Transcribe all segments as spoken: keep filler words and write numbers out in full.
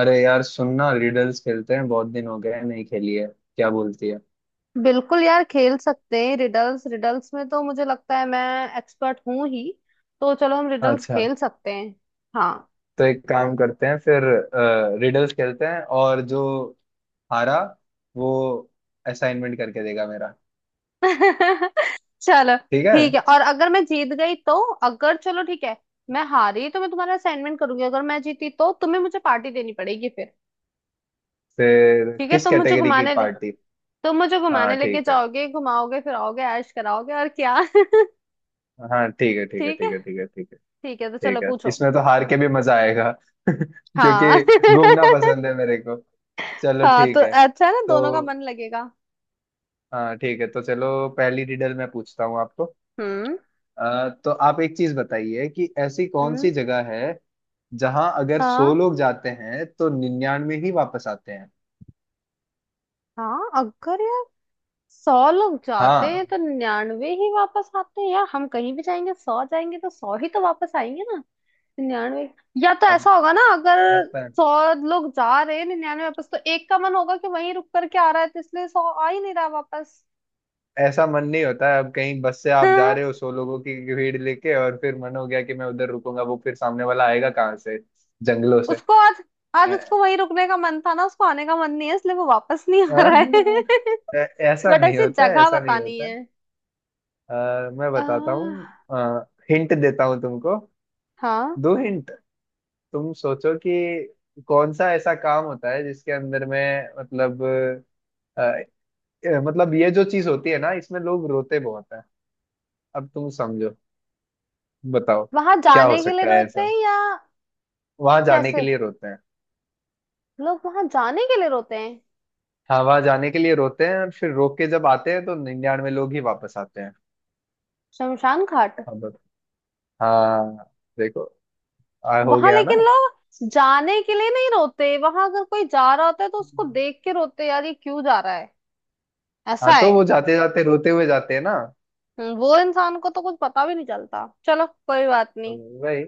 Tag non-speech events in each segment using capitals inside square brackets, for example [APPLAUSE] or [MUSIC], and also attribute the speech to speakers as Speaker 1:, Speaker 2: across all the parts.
Speaker 1: अरे यार, सुनना, रिडल्स खेलते हैं बहुत दिन हो गए हैं, नहीं खेली है, क्या बोलती है।
Speaker 2: बिल्कुल यार, खेल सकते हैं रिडल्स। रिडल्स में तो मुझे लगता है मैं एक्सपर्ट हूं ही। तो चलो हम रिडल्स
Speaker 1: अच्छा,
Speaker 2: खेल सकते हैं। हाँ।
Speaker 1: तो एक काम करते हैं फिर, रिडल्स खेलते हैं और जो हारा वो असाइनमेंट करके देगा मेरा।
Speaker 2: [LAUGHS] चलो
Speaker 1: ठीक
Speaker 2: ठीक है।
Speaker 1: है।
Speaker 2: और अगर मैं जीत गई तो, अगर, चलो ठीक है। मैं हारी तो मैं तुम्हारा असाइनमेंट करूंगी, अगर मैं जीती तो तुम्हें मुझे पार्टी देनी पड़ेगी फिर।
Speaker 1: फिर
Speaker 2: ठीक है,
Speaker 1: किस
Speaker 2: तुम मुझे
Speaker 1: कैटेगरी की
Speaker 2: घुमाने ले
Speaker 1: पार्टी।
Speaker 2: तुम मुझे
Speaker 1: हाँ
Speaker 2: घुमाने लेके
Speaker 1: ठीक है।
Speaker 2: जाओगे, घुमाओगे, फिराओगे, ऐश कराओगे, और क्या। [LAUGHS]
Speaker 1: हाँ, ठीक है, ठीक है,
Speaker 2: ठीक है।
Speaker 1: ठीक है, ठीक है, ठीक है,
Speaker 2: ठीक है तो चलो
Speaker 1: ठीक है,
Speaker 2: पूछो।
Speaker 1: इसमें तो हार के भी मजा आएगा [LAUGHS]
Speaker 2: हाँ।
Speaker 1: क्योंकि
Speaker 2: [LAUGHS]
Speaker 1: घूमना पसंद है मेरे को। चलो
Speaker 2: हाँ, तो
Speaker 1: ठीक है।
Speaker 2: अच्छा है ना,
Speaker 1: तो
Speaker 2: दोनों का मन लगेगा।
Speaker 1: हाँ ठीक है, तो चलो। पहली रिडल मैं पूछता हूँ आपको।
Speaker 2: हम्म।
Speaker 1: अ, तो आप एक चीज बताइए कि ऐसी कौन
Speaker 2: हम्म।
Speaker 1: सी जगह है जहां अगर सौ
Speaker 2: हाँ।
Speaker 1: लोग जाते हैं तो निन्यानवे ही वापस आते हैं।
Speaker 2: हाँ, अगर यार सौ लोग जाते हैं
Speaker 1: हाँ।
Speaker 2: तो निन्यानवे ही वापस आते हैं यार। हम कहीं भी जाएंगे, सौ जाएंगे तो सौ ही तो वापस आएंगे ना। निन्यानवे, या तो
Speaker 1: अब
Speaker 2: ऐसा होगा ना, अगर
Speaker 1: अब
Speaker 2: सौ लोग जा रहे हैं निन्यानवे वापस, तो एक का मन होगा कि वहीं रुक करके आ रहा है, तो इसलिए सौ आ ही नहीं रहा वापस।
Speaker 1: ऐसा मन नहीं होता है। अब कहीं बस से आप जा
Speaker 2: हाँ,
Speaker 1: रहे हो सौ लोगों की भीड़ लेके और फिर मन हो गया कि मैं उधर रुकूंगा, वो फिर सामने वाला आएगा कहाँ से, जंगलों से।
Speaker 2: उसको आज आज उसको
Speaker 1: अ,
Speaker 2: वहीं रुकने का मन था ना, उसको आने का मन नहीं है इसलिए वो वापस नहीं
Speaker 1: अ,
Speaker 2: आ रहा है।
Speaker 1: अ,
Speaker 2: [LAUGHS]
Speaker 1: ऐसा
Speaker 2: बट
Speaker 1: नहीं
Speaker 2: ऐसी
Speaker 1: होता है,
Speaker 2: जगह
Speaker 1: ऐसा नहीं
Speaker 2: बतानी
Speaker 1: होता
Speaker 2: है।
Speaker 1: है। अ, मैं
Speaker 2: आ,
Speaker 1: बताता हूँ, हिंट देता हूँ तुमको।
Speaker 2: हाँ,
Speaker 1: दो हिंट। तुम सोचो कि कौन सा ऐसा काम होता है जिसके अंदर में मतलब, अ, अ, मतलब ये जो चीज होती है ना, इसमें लोग रोते बहुत हैं। अब तुम समझो, बताओ,
Speaker 2: वहां
Speaker 1: क्या हो
Speaker 2: जाने के लिए
Speaker 1: सकता है
Speaker 2: रोते
Speaker 1: ऐसा।
Speaker 2: हैं या
Speaker 1: वहां जाने के
Speaker 2: कैसे,
Speaker 1: लिए रोते हैं।
Speaker 2: लोग वहां जाने के लिए रोते हैं।
Speaker 1: हाँ वहां जाने के लिए रोते हैं, और फिर रो के जब आते हैं तो निन्यानवे लोग ही वापस आते हैं।
Speaker 2: शमशान घाट।
Speaker 1: हाँ बत- हाँ, देखो, आ, हो
Speaker 2: वहां
Speaker 1: गया ना।
Speaker 2: लेकिन लोग जाने के लिए नहीं रोते, वहां अगर कोई जा रहा होता है तो उसको देख के रोते हैं, यार ये क्यों जा रहा है, ऐसा
Speaker 1: हाँ तो
Speaker 2: है।
Speaker 1: वो जाते जाते रोते हुए जाते हैं ना,
Speaker 2: हम्म, वो इंसान को तो कुछ पता भी नहीं चलता, चलो कोई बात
Speaker 1: तो
Speaker 2: नहीं।
Speaker 1: वही।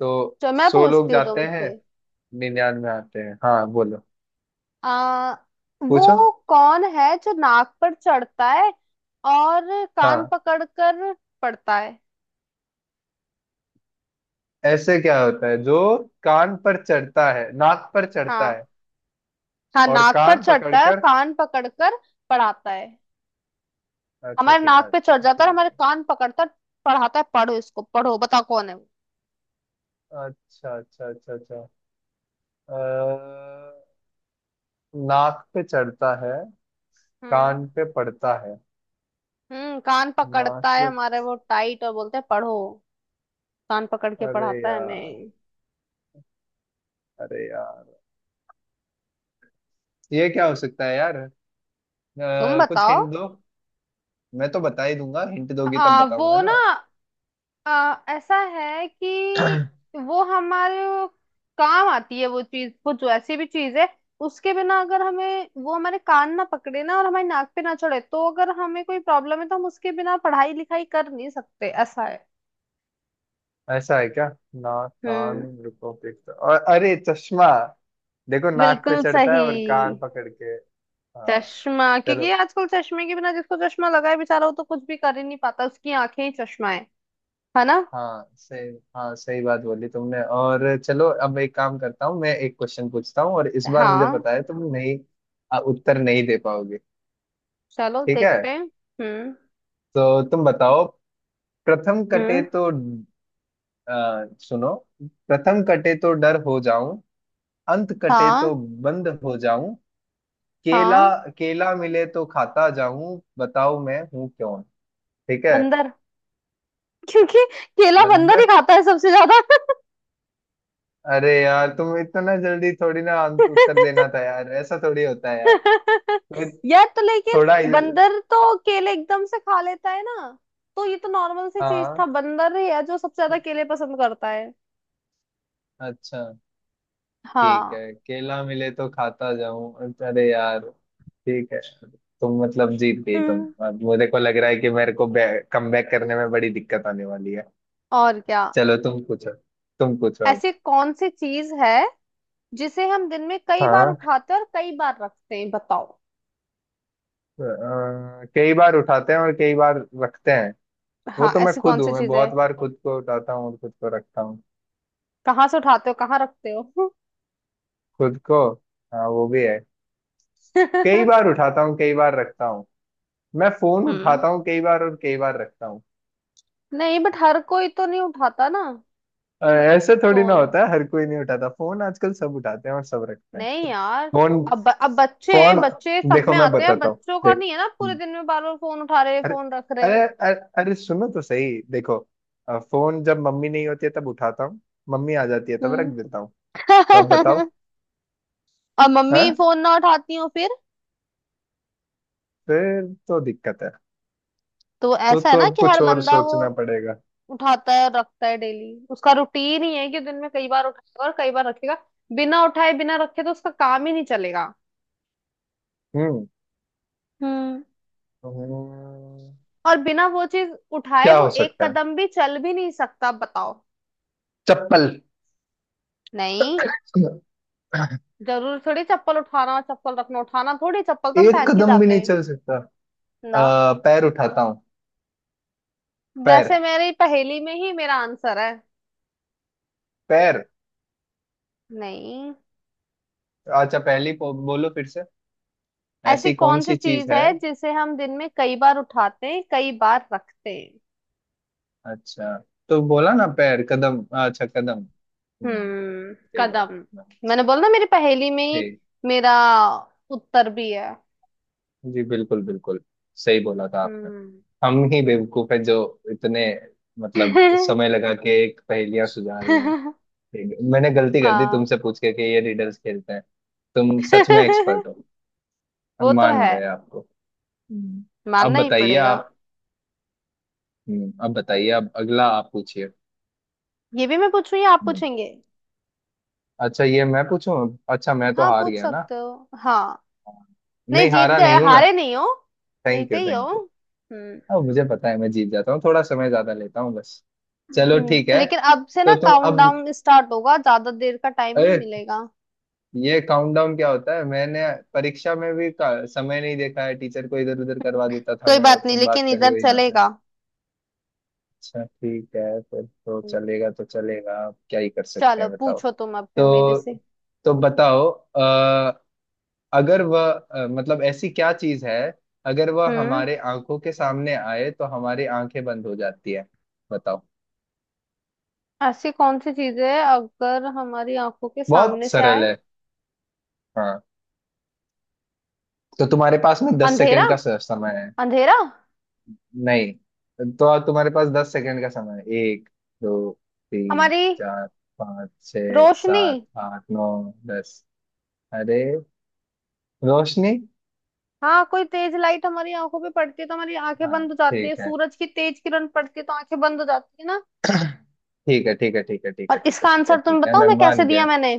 Speaker 1: तो
Speaker 2: चलो मैं
Speaker 1: सौ लोग
Speaker 2: पूछती हूँ
Speaker 1: जाते हैं,
Speaker 2: तुमसे।
Speaker 1: निन्यानवे आते हैं। हाँ बोलो,
Speaker 2: आ
Speaker 1: पूछो।
Speaker 2: वो कौन है जो नाक पर चढ़ता है और कान
Speaker 1: हाँ,
Speaker 2: पकड़कर पढ़ता है?
Speaker 1: ऐसे क्या होता है जो कान पर चढ़ता है, नाक पर चढ़ता है
Speaker 2: हाँ। हाँ,
Speaker 1: और
Speaker 2: नाक पर
Speaker 1: कान
Speaker 2: चढ़ता है,
Speaker 1: पकड़कर।
Speaker 2: कान पकड़कर पढ़ाता है।
Speaker 1: अच्छा,
Speaker 2: हमारे
Speaker 1: ठीक है,
Speaker 2: नाक पे चढ़ जाता है
Speaker 1: ठीक
Speaker 2: और हमारे
Speaker 1: है।
Speaker 2: कान पकड़ता है, पढ़ाता है, पढ़ो इसको, पढ़ो, बताओ कौन है वो।
Speaker 1: अच्छा अच्छा अच्छा अच्छा, अ, नाक पे चढ़ता है, कान
Speaker 2: हम्म।
Speaker 1: पे पड़ता है,
Speaker 2: हम्म कान
Speaker 1: नाक
Speaker 2: पकड़ता है
Speaker 1: पे।
Speaker 2: हमारे वो टाइट और बोलते हैं पढ़ो, कान पकड़ के
Speaker 1: अरे
Speaker 2: पढ़ाता है
Speaker 1: यार,
Speaker 2: हमें।
Speaker 1: अरे यार, ये क्या हो सकता है यार, अ,
Speaker 2: तुम
Speaker 1: कुछ
Speaker 2: बताओ।
Speaker 1: हिंट दो। मैं तो बता ही दूंगा, हिंट दोगी तब
Speaker 2: आ,
Speaker 1: बताऊंगा
Speaker 2: वो ना,
Speaker 1: ना।
Speaker 2: आ, ऐसा है कि वो हमारे काम आती है, वो चीज, वो जो ऐसी भी चीज है, उसके बिना, अगर हमें, वो हमारे कान ना पकड़े ना और हमारी नाक पे ना चढ़े, तो अगर हमें कोई प्रॉब्लम है तो हम उसके बिना पढ़ाई लिखाई कर नहीं सकते, ऐसा है।
Speaker 1: [CLEARS THROAT] ऐसा है क्या, नाक कान
Speaker 2: हम्म।
Speaker 1: रुको देखते, और अरे चश्मा। देखो नाक पे
Speaker 2: बिल्कुल
Speaker 1: चढ़ता है
Speaker 2: सही।
Speaker 1: और कान पकड़ के। हाँ,
Speaker 2: चश्मा!
Speaker 1: चलो।
Speaker 2: क्योंकि आजकल चश्मे के बिना, जिसको चश्मा लगा है बेचारा, वो तो कुछ भी कर ही नहीं पाता, उसकी आंखें ही चश्मा है है ना।
Speaker 1: हाँ सही, हाँ सही बात बोली तुमने। और चलो अब एक काम करता हूँ, मैं एक क्वेश्चन पूछता हूँ और इस बार मुझे
Speaker 2: हाँ।
Speaker 1: पता है तुम नहीं आ, उत्तर नहीं दे पाओगे।
Speaker 2: चलो
Speaker 1: ठीक है,
Speaker 2: देखते हैं। हम्म।
Speaker 1: तो तुम बताओ, प्रथम कटे
Speaker 2: हम्म।
Speaker 1: तो, आ, सुनो, प्रथम कटे तो डर हो जाऊं, अंत कटे
Speaker 2: हाँ।
Speaker 1: तो बंद हो जाऊं, केला,
Speaker 2: हाँ।
Speaker 1: केला मिले तो खाता जाऊं, बताओ मैं हूं कौन। ठीक है,
Speaker 2: बंदर। [LAUGHS] क्योंकि केला
Speaker 1: बंद।
Speaker 2: बंदर ही खाता है सबसे ज्यादा।
Speaker 1: अरे यार तुम इतना जल्दी थोड़ी ना आंस- उत्तर देना था यार, ऐसा थोड़ी होता है यार
Speaker 2: [LAUGHS]
Speaker 1: तुम्हें।
Speaker 2: यार तो, लेकिन
Speaker 1: थोड़ा इल-
Speaker 2: बंदर तो केले एकदम से खा लेता है ना, तो ये तो नॉर्मल सी चीज
Speaker 1: हाँ
Speaker 2: था, बंदर ही है जो सबसे ज्यादा केले पसंद करता है।
Speaker 1: अच्छा ठीक
Speaker 2: हाँ।
Speaker 1: है, केला मिले तो खाता जाऊं, अरे यार। ठीक है। तुम मतलब जीत गई तुम,
Speaker 2: हम्म।
Speaker 1: अब मुझे को लग रहा है कि मेरे को कमबैक करने में बड़ी दिक्कत आने वाली है।
Speaker 2: और क्या।
Speaker 1: चलो तुम पूछो, तुम पूछो अब।
Speaker 2: ऐसी कौन सी चीज है जिसे हम दिन में कई बार
Speaker 1: हाँ,
Speaker 2: उठाते हैं और कई बार रखते हैं, बताओ?
Speaker 1: अ, कई बार उठाते हैं और कई बार रखते हैं, वो
Speaker 2: हाँ,
Speaker 1: तो मैं
Speaker 2: ऐसी कौन
Speaker 1: खुद
Speaker 2: सी
Speaker 1: हूँ, मैं
Speaker 2: चीज
Speaker 1: बहुत
Speaker 2: है।
Speaker 1: बार खुद को उठाता हूँ और खुद को रखता हूँ।
Speaker 2: कहाँ से उठाते हो, कहाँ रखते हो? [LAUGHS]
Speaker 1: खुद को, हाँ वो भी है, कई बार उठाता हूँ कई बार रखता हूँ। मैं फोन
Speaker 2: हम्म।
Speaker 1: उठाता हूँ कई बार और कई बार रखता हूँ।
Speaker 2: नहीं, बट हर कोई तो नहीं उठाता ना,
Speaker 1: अ, ऐसे थोड़ी ना
Speaker 2: फोन।
Speaker 1: होता है, हर कोई नहीं उठाता, फोन आजकल सब उठाते हैं और सब रखते हैं।
Speaker 2: नहीं यार,
Speaker 1: फोन,
Speaker 2: अब अब बच्चे हैं,
Speaker 1: फोन,
Speaker 2: बच्चे सब
Speaker 1: देखो
Speaker 2: में
Speaker 1: मैं
Speaker 2: आते हैं,
Speaker 1: बताता हूँ,
Speaker 2: बच्चों का
Speaker 1: देख
Speaker 2: नहीं है ना पूरे दिन में बार बार फोन उठा रहे
Speaker 1: अरे,
Speaker 2: फोन रख रहे।
Speaker 1: अरे अरे, अरे सुनो तो सही, देखो अ, फोन जब मम्मी नहीं होती है तब उठाता हूँ, मम्मी आ जाती है तब रख
Speaker 2: हम्म।
Speaker 1: देता हूँ। तो अब बताओ।
Speaker 2: [LAUGHS] और मम्मी
Speaker 1: हाँ,
Speaker 2: फोन ना उठाती हो फिर?
Speaker 1: फिर तो दिक्कत है।
Speaker 2: तो
Speaker 1: तो
Speaker 2: ऐसा है
Speaker 1: तो
Speaker 2: ना
Speaker 1: अब
Speaker 2: कि
Speaker 1: कुछ
Speaker 2: हर
Speaker 1: और
Speaker 2: बंदा वो
Speaker 1: सोचना पड़ेगा।
Speaker 2: उठाता है और रखता है, डेली उसका रूटीन ही है कि दिन में कई बार उठाएगा और कई बार रखेगा, बिना उठाए बिना रखे तो उसका काम ही नहीं चलेगा।
Speaker 1: हम्म।
Speaker 2: हम्म।
Speaker 1: हम्म,
Speaker 2: और बिना वो चीज उठाए
Speaker 1: क्या
Speaker 2: वो
Speaker 1: हो
Speaker 2: एक
Speaker 1: सकता है।
Speaker 2: कदम भी चल भी नहीं सकता, बताओ।
Speaker 1: चप्पल,
Speaker 2: नहीं, जरूर थोड़ी चप्पल उठाना चप्पल रखना उठाना थोड़ी, चप्पल तो हम
Speaker 1: एक
Speaker 2: पहन के
Speaker 1: कदम भी
Speaker 2: जाते
Speaker 1: नहीं
Speaker 2: हैं
Speaker 1: चल सकता।
Speaker 2: ना।
Speaker 1: आ, पैर उठाता हूँ, पैर,
Speaker 2: वैसे मेरी पहेली में ही मेरा आंसर है।
Speaker 1: पैर।
Speaker 2: नहीं।
Speaker 1: अच्छा पहली पो- बोलो फिर से,
Speaker 2: ऐसी
Speaker 1: ऐसी कौन
Speaker 2: कौन सी
Speaker 1: सी चीज
Speaker 2: चीज
Speaker 1: है।
Speaker 2: है जिसे हम दिन में कई बार उठाते हैं, कई बार रखते हैं।
Speaker 1: अच्छा, तो बोला ना, पैर कदम, अच्छा कदम। हम्म,
Speaker 2: हम्म,
Speaker 1: सही बात
Speaker 2: कदम।
Speaker 1: है।
Speaker 2: मैंने
Speaker 1: अच्छा।
Speaker 2: बोला ना, मेरी पहेली में ही
Speaker 1: ठीक,
Speaker 2: मेरा उत्तर भी है।
Speaker 1: जी बिल्कुल बिल्कुल, सही बोला था आपने।
Speaker 2: हम्म।
Speaker 1: हम ही बेवकूफ है जो इतने मतलब समय
Speaker 2: [LAUGHS]
Speaker 1: लगा के एक पहेलियां सुझा रहे हैं। ठीक है। मैंने गलती कर दी
Speaker 2: हाँ।
Speaker 1: तुमसे पूछ के कि ये रीडल्स खेलते हैं, तुम सच में एक्सपर्ट हो,
Speaker 2: [LAUGHS]
Speaker 1: हम
Speaker 2: वो तो
Speaker 1: मान
Speaker 2: है,
Speaker 1: गए आपको। हम्म। अब
Speaker 2: मानना ही
Speaker 1: बताइए
Speaker 2: पड़ेगा।
Speaker 1: आप। हम्म, अब बताइए, अब अगला आप पूछिए।
Speaker 2: ये भी मैं पूछूं या आप
Speaker 1: हम्म,
Speaker 2: पूछेंगे?
Speaker 1: अच्छा ये मैं पूछूं। अच्छा मैं तो
Speaker 2: हाँ,
Speaker 1: हार
Speaker 2: पूछ
Speaker 1: गया ना,
Speaker 2: सकते हो। हाँ, नहीं
Speaker 1: नहीं
Speaker 2: जीत
Speaker 1: हारा
Speaker 2: गए,
Speaker 1: नहीं हूं मैं,
Speaker 2: हारे नहीं हो,
Speaker 1: थैंक
Speaker 2: जीते
Speaker 1: यू
Speaker 2: ही हो।
Speaker 1: Thank you.
Speaker 2: हम्म।
Speaker 1: अब मुझे पता है मैं जीत जाता हूँ, थोड़ा समय ज्यादा लेता हूँ बस। चलो
Speaker 2: हम्म,
Speaker 1: ठीक है।
Speaker 2: लेकिन अब से ना
Speaker 1: तो तुम अब,
Speaker 2: काउंटडाउन स्टार्ट होगा, ज्यादा देर का टाइम नहीं
Speaker 1: अरे,
Speaker 2: मिलेगा।
Speaker 1: ये काउंटडाउन क्या होता है, मैंने परीक्षा में भी का, समय नहीं देखा है, टीचर को इधर उधर करवा देता था
Speaker 2: कोई
Speaker 1: मैं, और
Speaker 2: बात नहीं,
Speaker 1: तुम बात
Speaker 2: लेकिन
Speaker 1: कर रहे
Speaker 2: इधर
Speaker 1: हो यहाँ।
Speaker 2: चलेगा।
Speaker 1: अच्छा ठीक है, फिर तो
Speaker 2: हम्म,
Speaker 1: चलेगा, तो चलेगा, अब क्या ही कर सकते
Speaker 2: चलो
Speaker 1: हैं बताओ।
Speaker 2: पूछो तुम अब फिर मेरे
Speaker 1: तो
Speaker 2: से।
Speaker 1: तो बताओ, अ, अगर वह अ, मतलब ऐसी क्या चीज है अगर वह
Speaker 2: हम्म।
Speaker 1: हमारे आंखों के सामने आए तो हमारी आंखें बंद हो जाती है, बताओ।
Speaker 2: ऐसी कौन सी चीज है अगर हमारी आंखों के
Speaker 1: बहुत
Speaker 2: सामने से
Speaker 1: सरल
Speaker 2: आए?
Speaker 1: है। हाँ, तो तुम्हारे पास में दस
Speaker 2: अंधेरा।
Speaker 1: सेकंड का स- समय है।
Speaker 2: अंधेरा।
Speaker 1: नहीं, तो अब तुम्हारे पास दस सेकंड का समय है, एक, दो, तीन,
Speaker 2: हमारी
Speaker 1: चार, पाँच, छः,
Speaker 2: रोशनी।
Speaker 1: सात, आठ, नौ, दस। अरे, रोशनी!
Speaker 2: हाँ, कोई तेज लाइट हमारी आंखों पे पड़ती है तो हमारी आंखें
Speaker 1: हाँ,
Speaker 2: बंद हो जाती है,
Speaker 1: ठीक है,
Speaker 2: सूरज की तेज किरण पड़ती है तो आंखें बंद हो जाती है ना।
Speaker 1: ठीक है, ठीक है, ठीक है, ठीक है,
Speaker 2: और
Speaker 1: ठीक है,
Speaker 2: इसका
Speaker 1: ठीक है,
Speaker 2: आंसर तुम
Speaker 1: ठीक है,
Speaker 2: बताओ
Speaker 1: मैं
Speaker 2: मैं
Speaker 1: मान
Speaker 2: कैसे दिया
Speaker 1: गया।
Speaker 2: मैंने,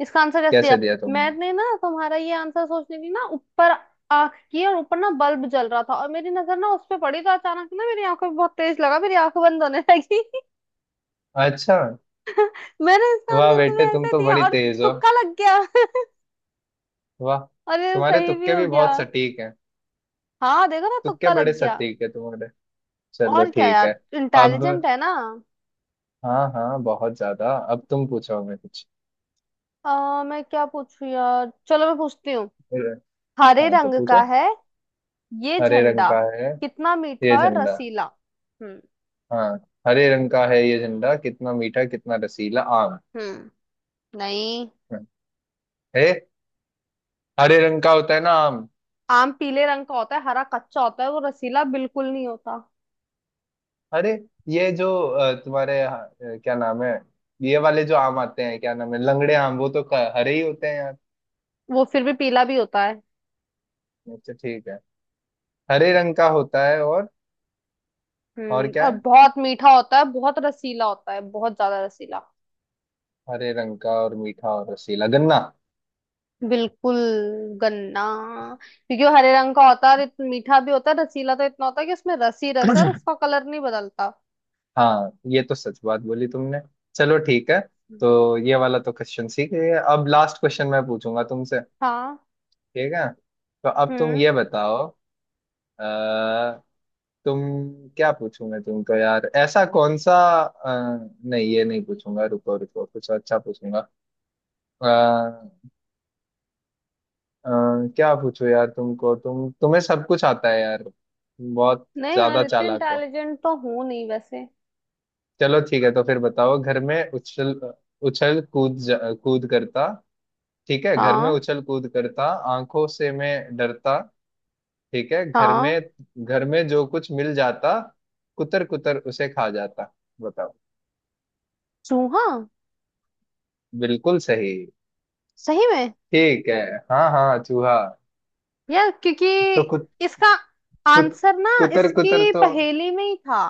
Speaker 2: इसका आंसर कैसे
Speaker 1: कैसे
Speaker 2: दिया।
Speaker 1: दिया तुमने।
Speaker 2: मैंने ना तुम्हारा ये आंसर सोचने की ना, ऊपर आंख की और ऊपर ना बल्ब जल रहा था, और मेरी नजर ना उस पे पड़ी, तो अचानक ना मेरी आंखों में बहुत तेज लगा, मेरी आंख बंद होने लगी। [LAUGHS]
Speaker 1: अच्छा,
Speaker 2: मैंने इसका
Speaker 1: वाह
Speaker 2: आंसर
Speaker 1: बेटे
Speaker 2: तुम्हें
Speaker 1: तुम
Speaker 2: ऐसे
Speaker 1: तो
Speaker 2: दिया।
Speaker 1: बड़ी
Speaker 2: और
Speaker 1: तेज हो।
Speaker 2: तुक्का लग गया।
Speaker 1: वाह,
Speaker 2: अरे
Speaker 1: तुम्हारे
Speaker 2: सही भी
Speaker 1: तुक्के
Speaker 2: हो
Speaker 1: भी
Speaker 2: गया।
Speaker 1: बहुत सटीक हैं,
Speaker 2: हाँ देखो ना,
Speaker 1: तुक्के
Speaker 2: तुक्का
Speaker 1: बड़े
Speaker 2: लग गया।
Speaker 1: सटीक है तुम्हारे। चलो
Speaker 2: और क्या
Speaker 1: ठीक
Speaker 2: यार,
Speaker 1: है। अब,
Speaker 2: इंटेलिजेंट है ना।
Speaker 1: हाँ हाँ, बहुत ज्यादा, अब तुम पूछो हमें कुछ।
Speaker 2: आ, मैं क्या पूछू यार, चलो मैं पूछती हूँ। हरे
Speaker 1: हाँ तो
Speaker 2: रंग का
Speaker 1: पूछो।
Speaker 2: है ये
Speaker 1: हरे रंग
Speaker 2: झंडा,
Speaker 1: का है
Speaker 2: कितना
Speaker 1: ये
Speaker 2: मीठा और
Speaker 1: झंडा।
Speaker 2: रसीला। हम्म।
Speaker 1: हाँ, हरे रंग का है ये झंडा कितना मीठा कितना रसीला, आम
Speaker 2: हम्म। नहीं,
Speaker 1: है, हरे रंग का होता है ना आम।
Speaker 2: आम पीले रंग का होता है, हरा कच्चा होता है, वो रसीला बिल्कुल नहीं होता।
Speaker 1: अरे ये जो अ, तुम्हारे अ, क्या नाम है, ये वाले जो आम आते हैं, क्या नाम है, लंगड़े आम, वो तो क- हरे ही होते हैं यार।
Speaker 2: वो फिर भी पीला भी होता है।
Speaker 1: अच्छा ठीक है, हरे रंग का होता है और और
Speaker 2: हम्म
Speaker 1: क्या
Speaker 2: और
Speaker 1: है,
Speaker 2: बहुत मीठा होता है, बहुत रसीला होता है, बहुत ज्यादा रसीला।
Speaker 1: हरे रंग का और मीठा और रसीला, गन्ना।
Speaker 2: बिल्कुल, गन्ना। क्योंकि वो हरे रंग का होता है और इतना मीठा भी होता है, रसीला तो इतना होता है कि उसमें रस ही रस है, और
Speaker 1: [COUGHS]
Speaker 2: उसका कलर नहीं बदलता।
Speaker 1: हाँ, ये तो सच बात बोली तुमने। चलो ठीक है, तो ये वाला तो क्वेश्चन सीख गए, अब लास्ट क्वेश्चन मैं पूछूंगा तुमसे।
Speaker 2: हाँ।
Speaker 1: ठीक है, तो अब तुम
Speaker 2: हम्म।
Speaker 1: ये बताओ, अ, तुम, क्या पूछूंगा तुमको यार, ऐसा कौन सा, अ, नहीं ये नहीं पूछूंगा, रुको रुको, कुछ अच्छा पूछूंगा। अ, अ, क्या पूछूं यार तुमको, तुम तुम्हें सब कुछ आता है यार, तुम बहुत
Speaker 2: नहीं यार,
Speaker 1: ज्यादा
Speaker 2: इतने
Speaker 1: चालाक हो।
Speaker 2: इंटेलिजेंट तो हूँ नहीं वैसे।
Speaker 1: चलो ठीक है, तो फिर बताओ, घर में उछल, उछल कूद जा- कूद करता, ठीक है, घर में
Speaker 2: हाँ
Speaker 1: उछल कूद करता, आंखों से मैं डरता, ठीक है घर
Speaker 2: हाँ,
Speaker 1: में, घर में जो कुछ मिल जाता, कुतर कुतर उसे खा जाता, बताओ।
Speaker 2: चूहा।
Speaker 1: बिल्कुल सही,
Speaker 2: सही में।
Speaker 1: ठीक है, हाँ हाँ चूहा।
Speaker 2: यार क्योंकि
Speaker 1: तो कुत
Speaker 2: इसका
Speaker 1: कुत
Speaker 2: आंसर ना,
Speaker 1: कुतर कुतर
Speaker 2: इसकी
Speaker 1: तो,
Speaker 2: पहेली में ही था।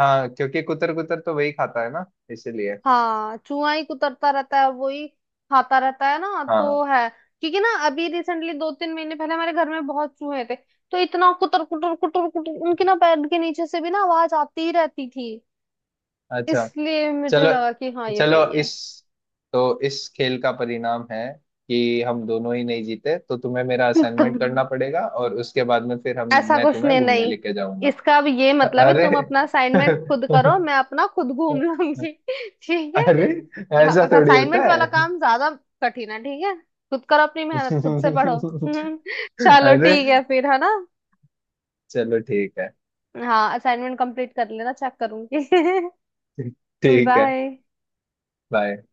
Speaker 1: हाँ क्योंकि कुतर कुतर तो वही खाता है ना, इसीलिए।
Speaker 2: हाँ, चूहा ही कुतरता रहता है, वही खाता रहता है ना,
Speaker 1: हाँ,
Speaker 2: तो है। क्योंकि ना अभी रिसेंटली दो तीन महीने पहले हमारे घर में बहुत चूहे थे, तो इतना कुतर कुतर कुतर कुतर, उनके ना पैर के नीचे से भी ना आवाज आती ही रहती थी,
Speaker 1: अच्छा,
Speaker 2: इसलिए मुझे
Speaker 1: चलो।
Speaker 2: लगा कि हाँ ये
Speaker 1: चलो
Speaker 2: वही है।
Speaker 1: इस तो इस खेल का परिणाम है कि हम दोनों ही नहीं जीते, तो तुम्हें मेरा असाइनमेंट करना
Speaker 2: [LAUGHS]
Speaker 1: पड़ेगा और उसके बाद में फिर हम
Speaker 2: ऐसा
Speaker 1: मैं
Speaker 2: कुछ
Speaker 1: तुम्हें
Speaker 2: नहीं,
Speaker 1: घूमने
Speaker 2: नहीं,
Speaker 1: लेके जाऊंगा।
Speaker 2: इसका अब ये
Speaker 1: अ-
Speaker 2: मतलब है
Speaker 1: अरे,
Speaker 2: तुम अपना असाइनमेंट खुद करो,
Speaker 1: [LAUGHS]
Speaker 2: मैं अपना खुद घूम लूंगी। [LAUGHS] ठीक है।
Speaker 1: अरे,
Speaker 2: हाँ,
Speaker 1: ऐसा थोड़ी होता
Speaker 2: असाइनमेंट वाला
Speaker 1: है,
Speaker 2: काम ज्यादा कठिन है, ठीक है, खुद करो, अपनी मेहनत खुद से पढ़ो। [LAUGHS]
Speaker 1: [LAUGHS]
Speaker 2: चलो
Speaker 1: अरे,
Speaker 2: ठीक है फिर, है ना।
Speaker 1: चलो ठीक है,
Speaker 2: हाँ, असाइनमेंट कंप्लीट कर लेना, चेक करूंगी। [LAUGHS]
Speaker 1: ठीक है,
Speaker 2: बाय।
Speaker 1: बाय।